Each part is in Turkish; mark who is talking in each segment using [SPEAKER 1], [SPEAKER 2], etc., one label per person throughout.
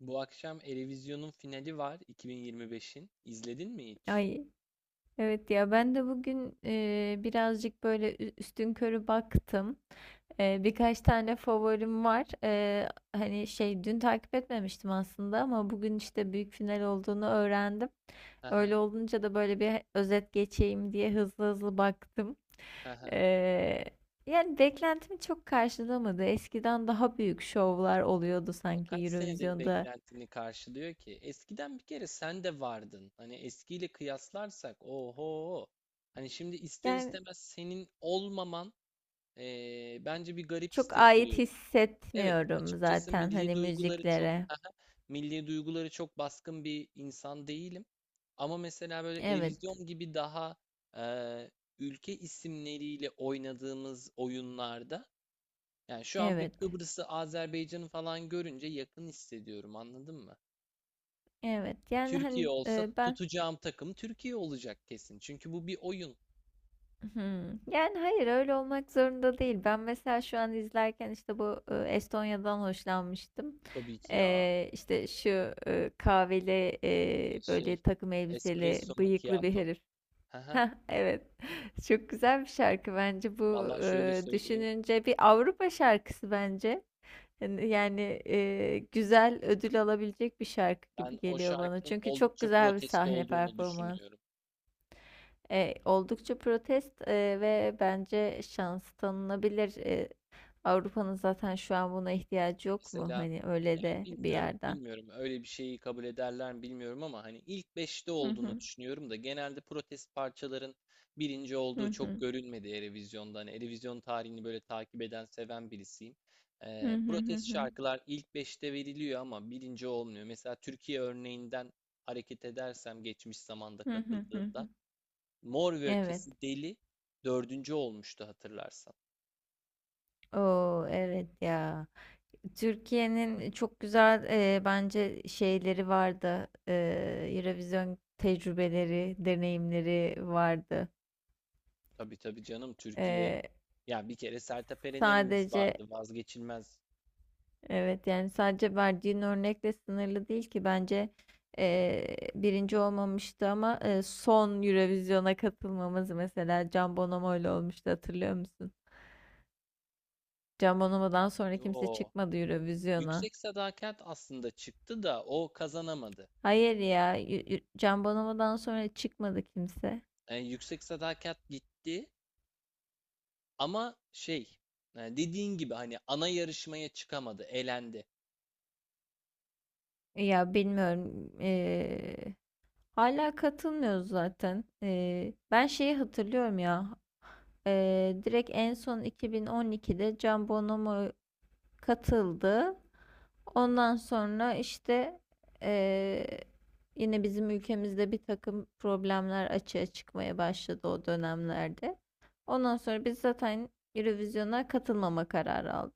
[SPEAKER 1] Bu akşam Eurovision'un finali var 2025'in. İzledin mi hiç?
[SPEAKER 2] Ay, evet ya ben de bugün birazcık böyle üstünkörü baktım. Birkaç tane favorim var. Hani şey dün takip etmemiştim aslında ama bugün işte büyük final olduğunu öğrendim.
[SPEAKER 1] Aha,
[SPEAKER 2] Öyle olunca da böyle bir özet geçeyim diye hızlı hızlı baktım.
[SPEAKER 1] aha.
[SPEAKER 2] E, yani beklentimi çok karşılamadı. Eskiden daha büyük şovlar oluyordu
[SPEAKER 1] Ama
[SPEAKER 2] sanki
[SPEAKER 1] kaç senedir
[SPEAKER 2] Eurovision'da.
[SPEAKER 1] beklentini karşılıyor ki? Eskiden bir kere sen de vardın. Hani eskiyle kıyaslarsak oho. Hani şimdi ister
[SPEAKER 2] Yani
[SPEAKER 1] istemez senin olmaman bence bir garip
[SPEAKER 2] çok ait
[SPEAKER 1] hissettiriyor. Evet,
[SPEAKER 2] hissetmiyorum
[SPEAKER 1] açıkçası
[SPEAKER 2] zaten
[SPEAKER 1] milli
[SPEAKER 2] hani
[SPEAKER 1] duyguları çok
[SPEAKER 2] müziklere.
[SPEAKER 1] Aha, milli duyguları çok baskın bir insan değilim. Ama mesela böyle
[SPEAKER 2] Evet,
[SPEAKER 1] televizyon gibi daha eee, ülke isimleriyle oynadığımız oyunlarda, yani şu an bir
[SPEAKER 2] evet,
[SPEAKER 1] Kıbrıs'ı, Azerbaycan'ı falan görünce yakın hissediyorum, anladın mı?
[SPEAKER 2] evet. Yani
[SPEAKER 1] Türkiye
[SPEAKER 2] hani
[SPEAKER 1] olsa
[SPEAKER 2] ben.
[SPEAKER 1] tutacağım takım Türkiye olacak kesin. Çünkü bu bir oyun,
[SPEAKER 2] Hmm. Yani hayır, öyle olmak zorunda değil. Ben mesela şu an izlerken işte bu Estonya'dan hoşlanmıştım.
[SPEAKER 1] tabii ki ya.
[SPEAKER 2] E, işte şu kahveli
[SPEAKER 1] Şey,
[SPEAKER 2] böyle takım elbiseli
[SPEAKER 1] espresso
[SPEAKER 2] bıyıklı bir
[SPEAKER 1] macchiato.
[SPEAKER 2] herif.
[SPEAKER 1] Haha.
[SPEAKER 2] Heh, evet. Çok güzel bir şarkı bence bu.
[SPEAKER 1] Vallahi şöyle
[SPEAKER 2] e,
[SPEAKER 1] söyleyeyim.
[SPEAKER 2] düşününce bir Avrupa şarkısı bence. Yani, güzel ödül alabilecek bir şarkı gibi
[SPEAKER 1] Ben o
[SPEAKER 2] geliyor bana.
[SPEAKER 1] şarkının
[SPEAKER 2] Çünkü çok
[SPEAKER 1] oldukça
[SPEAKER 2] güzel bir
[SPEAKER 1] protesto
[SPEAKER 2] sahne
[SPEAKER 1] olduğunu
[SPEAKER 2] performans.
[SPEAKER 1] düşünüyorum.
[SPEAKER 2] Oldukça protest ve bence şans tanınabilir. Avrupa'nın zaten şu an buna ihtiyacı yok mu?
[SPEAKER 1] Mesela
[SPEAKER 2] Hani öyle
[SPEAKER 1] yani
[SPEAKER 2] de bir
[SPEAKER 1] bilmiyorum,
[SPEAKER 2] yerden.
[SPEAKER 1] bilmiyorum öyle bir şeyi kabul ederler mi bilmiyorum ama hani ilk beşte
[SPEAKER 2] Hı
[SPEAKER 1] olduğunu
[SPEAKER 2] hı,
[SPEAKER 1] düşünüyorum da genelde protest parçaların birinci
[SPEAKER 2] hı
[SPEAKER 1] olduğu çok
[SPEAKER 2] hı,
[SPEAKER 1] görülmedi Eurovision'da. Hani Eurovision tarihini böyle takip eden, seven birisiyim.
[SPEAKER 2] hı hı, hı
[SPEAKER 1] Protest
[SPEAKER 2] hı,
[SPEAKER 1] şarkılar ilk beşte veriliyor ama birinci olmuyor. Mesela Türkiye örneğinden hareket edersem, geçmiş zamanda
[SPEAKER 2] hı hı, hı
[SPEAKER 1] katıldığında
[SPEAKER 2] hı.
[SPEAKER 1] Mor ve
[SPEAKER 2] Evet.
[SPEAKER 1] Ötesi Deli dördüncü olmuştu, hatırlarsan.
[SPEAKER 2] Oo, evet ya. Türkiye'nin çok güzel bence şeyleri vardı. Eurovision tecrübeleri, deneyimleri vardı.
[SPEAKER 1] Tabii tabii, canım Türkiye
[SPEAKER 2] E,
[SPEAKER 1] ya, bir kere Sertab Erener'imiz
[SPEAKER 2] sadece
[SPEAKER 1] vardı, vazgeçilmez.
[SPEAKER 2] evet yani sadece verdiğin örnekle sınırlı değil ki bence birinci olmamıştı ama son Eurovision'a katılmamız mesela Can Bonomo ile olmuştu, hatırlıyor musun? Can Bonomo'dan sonra kimse
[SPEAKER 1] Yo,
[SPEAKER 2] çıkmadı Eurovision'a.
[SPEAKER 1] Yüksek Sadakat aslında çıktı da o kazanamadı.
[SPEAKER 2] Hayır ya, Can Bonomo'dan sonra çıkmadı kimse.
[SPEAKER 1] Yani Yüksek Sadakat gitti ama şey, yani dediğin gibi hani ana yarışmaya çıkamadı, elendi.
[SPEAKER 2] Ya bilmiyorum. Hala katılmıyoruz zaten. Ben şeyi hatırlıyorum ya. Direkt en son 2012'de Can Bonomo katıldı. Ondan sonra işte eee, yine bizim ülkemizde bir takım problemler açığa çıkmaya başladı o dönemlerde. Ondan sonra biz zaten Eurovision'a katılmama kararı aldık.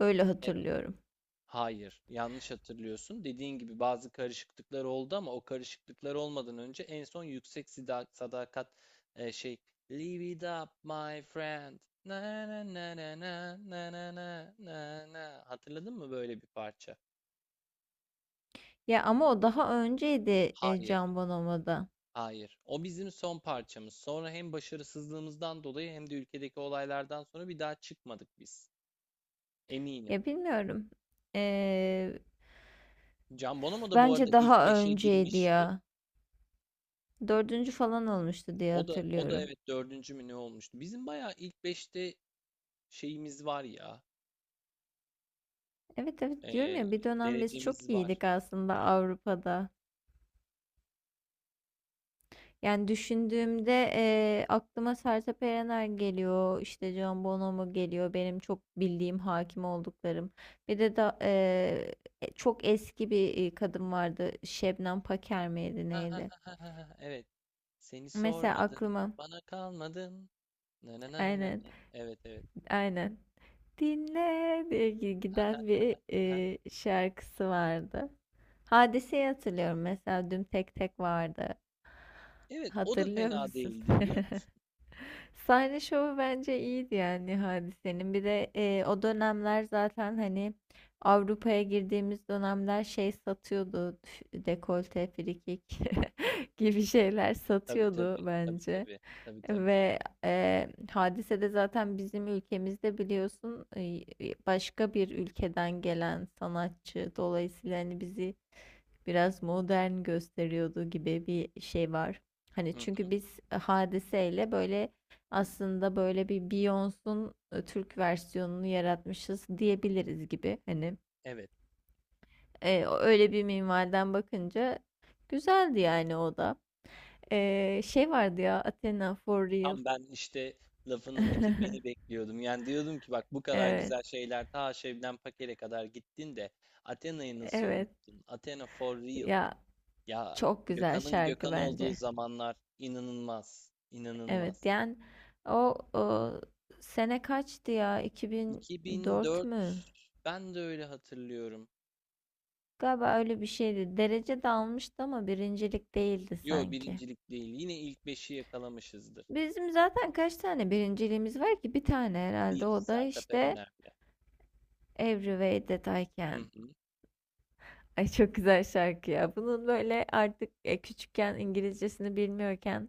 [SPEAKER 2] Öyle
[SPEAKER 1] Evet.
[SPEAKER 2] hatırlıyorum.
[SPEAKER 1] Hayır, yanlış hatırlıyorsun. Dediğin gibi bazı karışıklıklar oldu ama o karışıklıklar olmadan önce en son sadakat, şey, Live it up my friend. Na na na na na na na na na na. Hatırladın mı böyle bir parça?
[SPEAKER 2] Ya ama o daha önceydi,
[SPEAKER 1] Hayır,
[SPEAKER 2] Can Bonomo'da.
[SPEAKER 1] hayır. O bizim son parçamız. Sonra hem başarısızlığımızdan dolayı hem de ülkedeki olaylardan sonra bir daha çıkmadık biz. Eminim.
[SPEAKER 2] Ya bilmiyorum. Ee,
[SPEAKER 1] Can Bonomo da bu arada
[SPEAKER 2] bence
[SPEAKER 1] ilk
[SPEAKER 2] daha
[SPEAKER 1] beşe
[SPEAKER 2] önceydi
[SPEAKER 1] girmişti.
[SPEAKER 2] ya. Dördüncü falan olmuştu diye
[SPEAKER 1] O da
[SPEAKER 2] hatırlıyorum.
[SPEAKER 1] evet, dördüncü mü ne olmuştu? Bizim bayağı ilk beşte şeyimiz var ya.
[SPEAKER 2] Evet, evet, diyorum
[SPEAKER 1] eee,
[SPEAKER 2] ya, bir dönem biz çok
[SPEAKER 1] derecemiz var.
[SPEAKER 2] iyiydik aslında Avrupa'da. Yani düşündüğümde aklıma Sertab Erener geliyor, işte Can Bonomo geliyor, benim çok bildiğim hakim olduklarım. Bir de çok eski bir kadın vardı, Şebnem Paker miydi
[SPEAKER 1] Ha, ha,
[SPEAKER 2] neydi?
[SPEAKER 1] ha, ha, ha, ha. Evet. Seni
[SPEAKER 2] Mesela
[SPEAKER 1] sormadım.
[SPEAKER 2] aklıma.
[SPEAKER 1] Bana kalmadın. Na na na na
[SPEAKER 2] Aynen,
[SPEAKER 1] na. Evet, evet.
[SPEAKER 2] aynen. Dinle diye
[SPEAKER 1] Ha, ha,
[SPEAKER 2] giden
[SPEAKER 1] ha,
[SPEAKER 2] bir
[SPEAKER 1] ha.
[SPEAKER 2] şarkısı vardı. Hadiseyi hatırlıyorum, mesela Düm Tek Tek vardı.
[SPEAKER 1] Evet, o da
[SPEAKER 2] Hatırlıyor
[SPEAKER 1] fena
[SPEAKER 2] musun?
[SPEAKER 1] değildi biliyor musun?
[SPEAKER 2] Sahne şovu bence iyiydi yani Hadise'nin. Bir de o dönemler zaten hani Avrupa'ya girdiğimiz dönemler şey satıyordu. Dekolte, frikik gibi şeyler
[SPEAKER 1] Tabii tabii.
[SPEAKER 2] satıyordu
[SPEAKER 1] Tabii
[SPEAKER 2] bence.
[SPEAKER 1] tabii. Tabii tabii.
[SPEAKER 2] Ve hadisede zaten bizim ülkemizde biliyorsun başka bir ülkeden gelen sanatçı dolayısıyla hani bizi biraz modern gösteriyordu gibi bir şey var. Hani
[SPEAKER 1] Hı hı.
[SPEAKER 2] çünkü biz hadiseyle böyle aslında böyle bir Beyoncé'un Türk versiyonunu yaratmışız diyebiliriz gibi. Hani
[SPEAKER 1] Evet.
[SPEAKER 2] öyle bir minvalden bakınca güzeldi yani o da. Şey vardı ya, Athena for real.
[SPEAKER 1] Tam ben işte lafının bitirmeni bekliyordum. Yani diyordum ki bak, bu kadar
[SPEAKER 2] Evet,
[SPEAKER 1] güzel şeyler ta Şebnem Paker'e kadar gittin de Athena'yı nasıl
[SPEAKER 2] evet.
[SPEAKER 1] unuttun? Athena for real.
[SPEAKER 2] Ya
[SPEAKER 1] Ya
[SPEAKER 2] çok güzel
[SPEAKER 1] Gökhan'ın
[SPEAKER 2] şarkı
[SPEAKER 1] Gökhan olduğu
[SPEAKER 2] bence.
[SPEAKER 1] zamanlar inanılmaz,
[SPEAKER 2] Evet,
[SPEAKER 1] inanılmaz.
[SPEAKER 2] yani o sene kaçtı ya? 2004
[SPEAKER 1] 2004,
[SPEAKER 2] mü?
[SPEAKER 1] ben de öyle hatırlıyorum.
[SPEAKER 2] Galiba öyle bir şeydi. Derece de almıştı ama birincilik değildi
[SPEAKER 1] Yo,
[SPEAKER 2] sanki.
[SPEAKER 1] birincilik değil. Yine ilk beşi yakalamışızdır.
[SPEAKER 2] Bizim zaten kaç tane birinciliğimiz var ki? Bir tane
[SPEAKER 1] Bir
[SPEAKER 2] herhalde. O da
[SPEAKER 1] Sertab
[SPEAKER 2] işte
[SPEAKER 1] Erener'le.
[SPEAKER 2] Every Way That I
[SPEAKER 1] Hı
[SPEAKER 2] Can.
[SPEAKER 1] hı.
[SPEAKER 2] Ay, çok güzel şarkı ya. Bunun böyle artık küçükken İngilizcesini bilmiyorken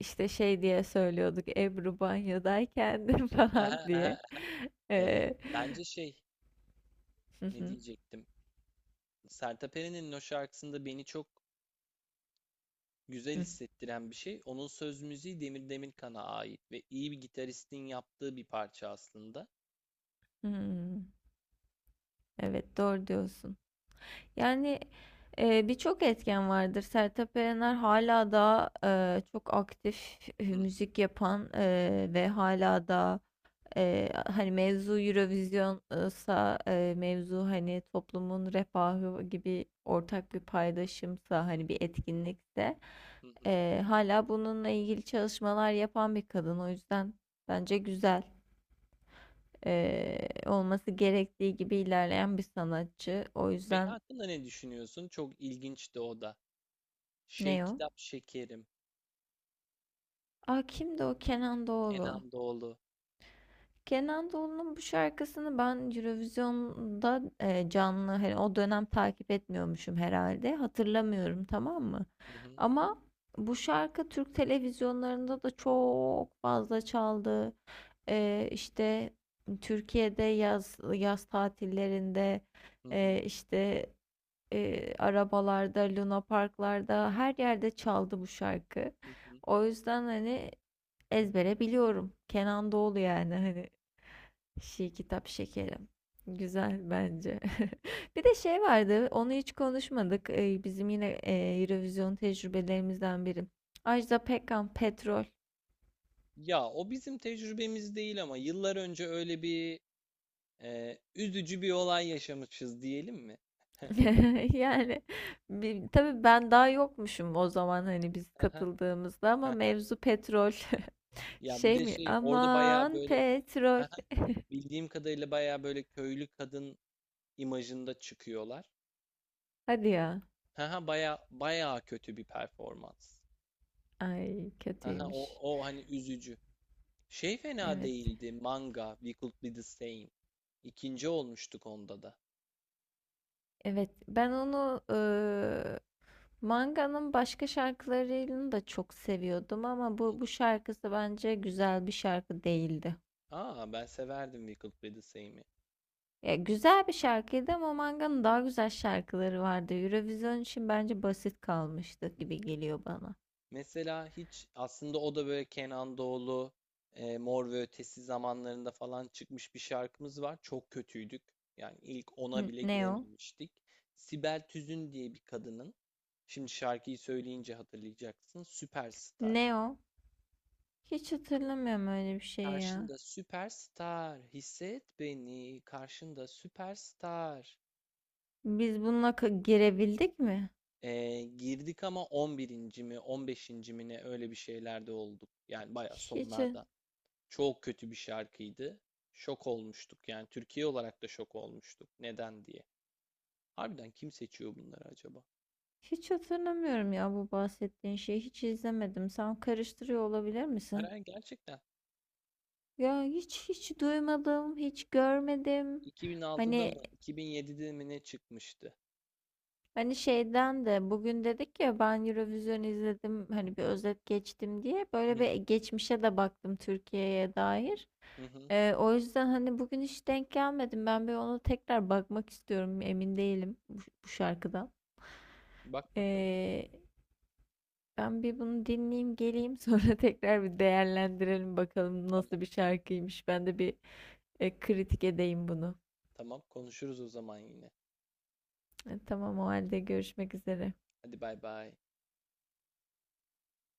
[SPEAKER 2] İşte şey diye söylüyorduk, Ebru banyodayken de
[SPEAKER 1] Aha,
[SPEAKER 2] falan
[SPEAKER 1] aha.
[SPEAKER 2] diye. Ee,
[SPEAKER 1] Bence şey
[SPEAKER 2] hı
[SPEAKER 1] ne
[SPEAKER 2] hı,
[SPEAKER 1] diyecektim? Sertab Erener'in o şarkısında beni çok güzel
[SPEAKER 2] hı,
[SPEAKER 1] hissettiren bir şey. Onun söz müziği Demir Demirkan'a ait ve iyi bir gitaristin yaptığı bir parça aslında.
[SPEAKER 2] hı. Evet, doğru diyorsun. Yani birçok etken vardır. Sertab Erener hala da çok aktif
[SPEAKER 1] Hı hı,
[SPEAKER 2] müzik yapan ve hala da hani mevzu Eurovision'sa mevzu hani toplumun refahı gibi ortak bir paydaşımsa
[SPEAKER 1] hı
[SPEAKER 2] hani bir etkinlikse
[SPEAKER 1] hı, hı
[SPEAKER 2] hala bununla ilgili çalışmalar yapan bir kadın. O yüzden
[SPEAKER 1] hı.
[SPEAKER 2] bence güzel, olması gerektiği gibi ilerleyen bir sanatçı. O
[SPEAKER 1] Bey
[SPEAKER 2] yüzden,
[SPEAKER 1] hakkında ne düşünüyorsun? Çok ilginçti o da. Şey,
[SPEAKER 2] ne o?
[SPEAKER 1] Kitap Şekerim,
[SPEAKER 2] Aa, kimdi o? Kenan Doğulu.
[SPEAKER 1] Kenan Doğulu.
[SPEAKER 2] Kenan Doğulu'nun bu şarkısını ben Eurovision'da canlı, hani o dönem takip etmiyormuşum herhalde. Hatırlamıyorum, tamam mı?
[SPEAKER 1] Hı hı,
[SPEAKER 2] Ama bu şarkı Türk televizyonlarında da çok fazla çaldı. E, işte Türkiye'de yaz yaz tatillerinde
[SPEAKER 1] hı hı,
[SPEAKER 2] işte arabalarda, Luna Parklarda her yerde çaldı bu şarkı.
[SPEAKER 1] hı hı.
[SPEAKER 2] O yüzden hani ezbere biliyorum. Kenan Doğulu, yani hani Şi kitap şekerim. Güzel bence. Bir de şey vardı, onu hiç konuşmadık. Bizim yine Eurovision tecrübelerimizden biri. Ajda Pekkan Petrol.
[SPEAKER 1] Ya o bizim tecrübemiz değil ama yıllar önce öyle bir üzücü bir olay yaşamışız, diyelim mi?
[SPEAKER 2] Yani bir, tabii ben daha yokmuşum o zaman hani biz
[SPEAKER 1] Aha,
[SPEAKER 2] katıldığımızda, ama
[SPEAKER 1] aha.
[SPEAKER 2] mevzu petrol.
[SPEAKER 1] Ya bir
[SPEAKER 2] Şey
[SPEAKER 1] de
[SPEAKER 2] mi?
[SPEAKER 1] şey, orada bayağı
[SPEAKER 2] Aman
[SPEAKER 1] böyle
[SPEAKER 2] petrol.
[SPEAKER 1] Aha, bildiğim kadarıyla bayağı böyle köylü kadın imajında çıkıyorlar.
[SPEAKER 2] Hadi ya.
[SPEAKER 1] Haha, baya baya kötü bir performans.
[SPEAKER 2] Ay,
[SPEAKER 1] Haha, o
[SPEAKER 2] kötüymüş.
[SPEAKER 1] o hani üzücü. Şey, fena
[SPEAKER 2] Evet.
[SPEAKER 1] değildi. Manga, We Could Be The Same. İkinci olmuştuk onda da.
[SPEAKER 2] Evet. Ben onu, Manga'nın başka şarkılarını da çok seviyordum ama bu şarkısı bence güzel bir şarkı değildi.
[SPEAKER 1] Aa, ben severdim We Could Be The Same'i.
[SPEAKER 2] Ya güzel bir şarkıydı ama Manga'nın daha güzel şarkıları vardı. Eurovision için bence basit kalmıştı gibi geliyor bana.
[SPEAKER 1] Mesela hiç aslında, o da böyle Kenan Doğulu, Mor ve Ötesi zamanlarında falan çıkmış bir şarkımız var. Çok kötüydük. Yani ilk ona bile
[SPEAKER 2] Ne o?
[SPEAKER 1] girememiştik. Sibel Tüzün diye bir kadının, şimdi şarkıyı söyleyince hatırlayacaksın, Süperstar.
[SPEAKER 2] Ne o? Hiç hatırlamıyorum öyle bir şey ya.
[SPEAKER 1] Karşında süperstar, hisset beni, karşında süperstar.
[SPEAKER 2] Biz bununla girebildik mi?
[SPEAKER 1] E, girdik ama 11. mi, 15. mi ne öyle bir şeylerde olduk. Yani baya
[SPEAKER 2] Hiç
[SPEAKER 1] sonlarda. Çok kötü bir şarkıydı. Şok olmuştuk, yani Türkiye olarak da şok olmuştuk. Neden diye. Harbiden kim seçiyor bunları acaba?
[SPEAKER 2] hiç hatırlamıyorum ya bu bahsettiğin şeyi. Hiç izlemedim. Sen karıştırıyor olabilir
[SPEAKER 1] Hayır,
[SPEAKER 2] misin?
[SPEAKER 1] hayır, gerçekten.
[SPEAKER 2] Ya hiç duymadım, hiç görmedim.
[SPEAKER 1] 2006'da mı
[SPEAKER 2] Hani
[SPEAKER 1] 2007'de mi ne çıkmıştı?
[SPEAKER 2] hani şeyden de bugün dedik ya, ben Eurovision izledim, hani bir özet geçtim diye
[SPEAKER 1] Hı
[SPEAKER 2] böyle bir geçmişe de baktım Türkiye'ye dair.
[SPEAKER 1] hı, hı.
[SPEAKER 2] O yüzden hani bugün hiç denk gelmedim. Ben bir ona tekrar bakmak istiyorum. Emin değilim bu şarkıdan.
[SPEAKER 1] Bak bakalım.
[SPEAKER 2] Ee, ben bir bunu dinleyeyim, geleyim, sonra tekrar bir değerlendirelim bakalım
[SPEAKER 1] Tamam,
[SPEAKER 2] nasıl bir şarkıymış. Ben de bir kritik edeyim bunu.
[SPEAKER 1] tamam, konuşuruz o zaman yine.
[SPEAKER 2] Tamam, o halde görüşmek üzere.
[SPEAKER 1] Hadi bay bay.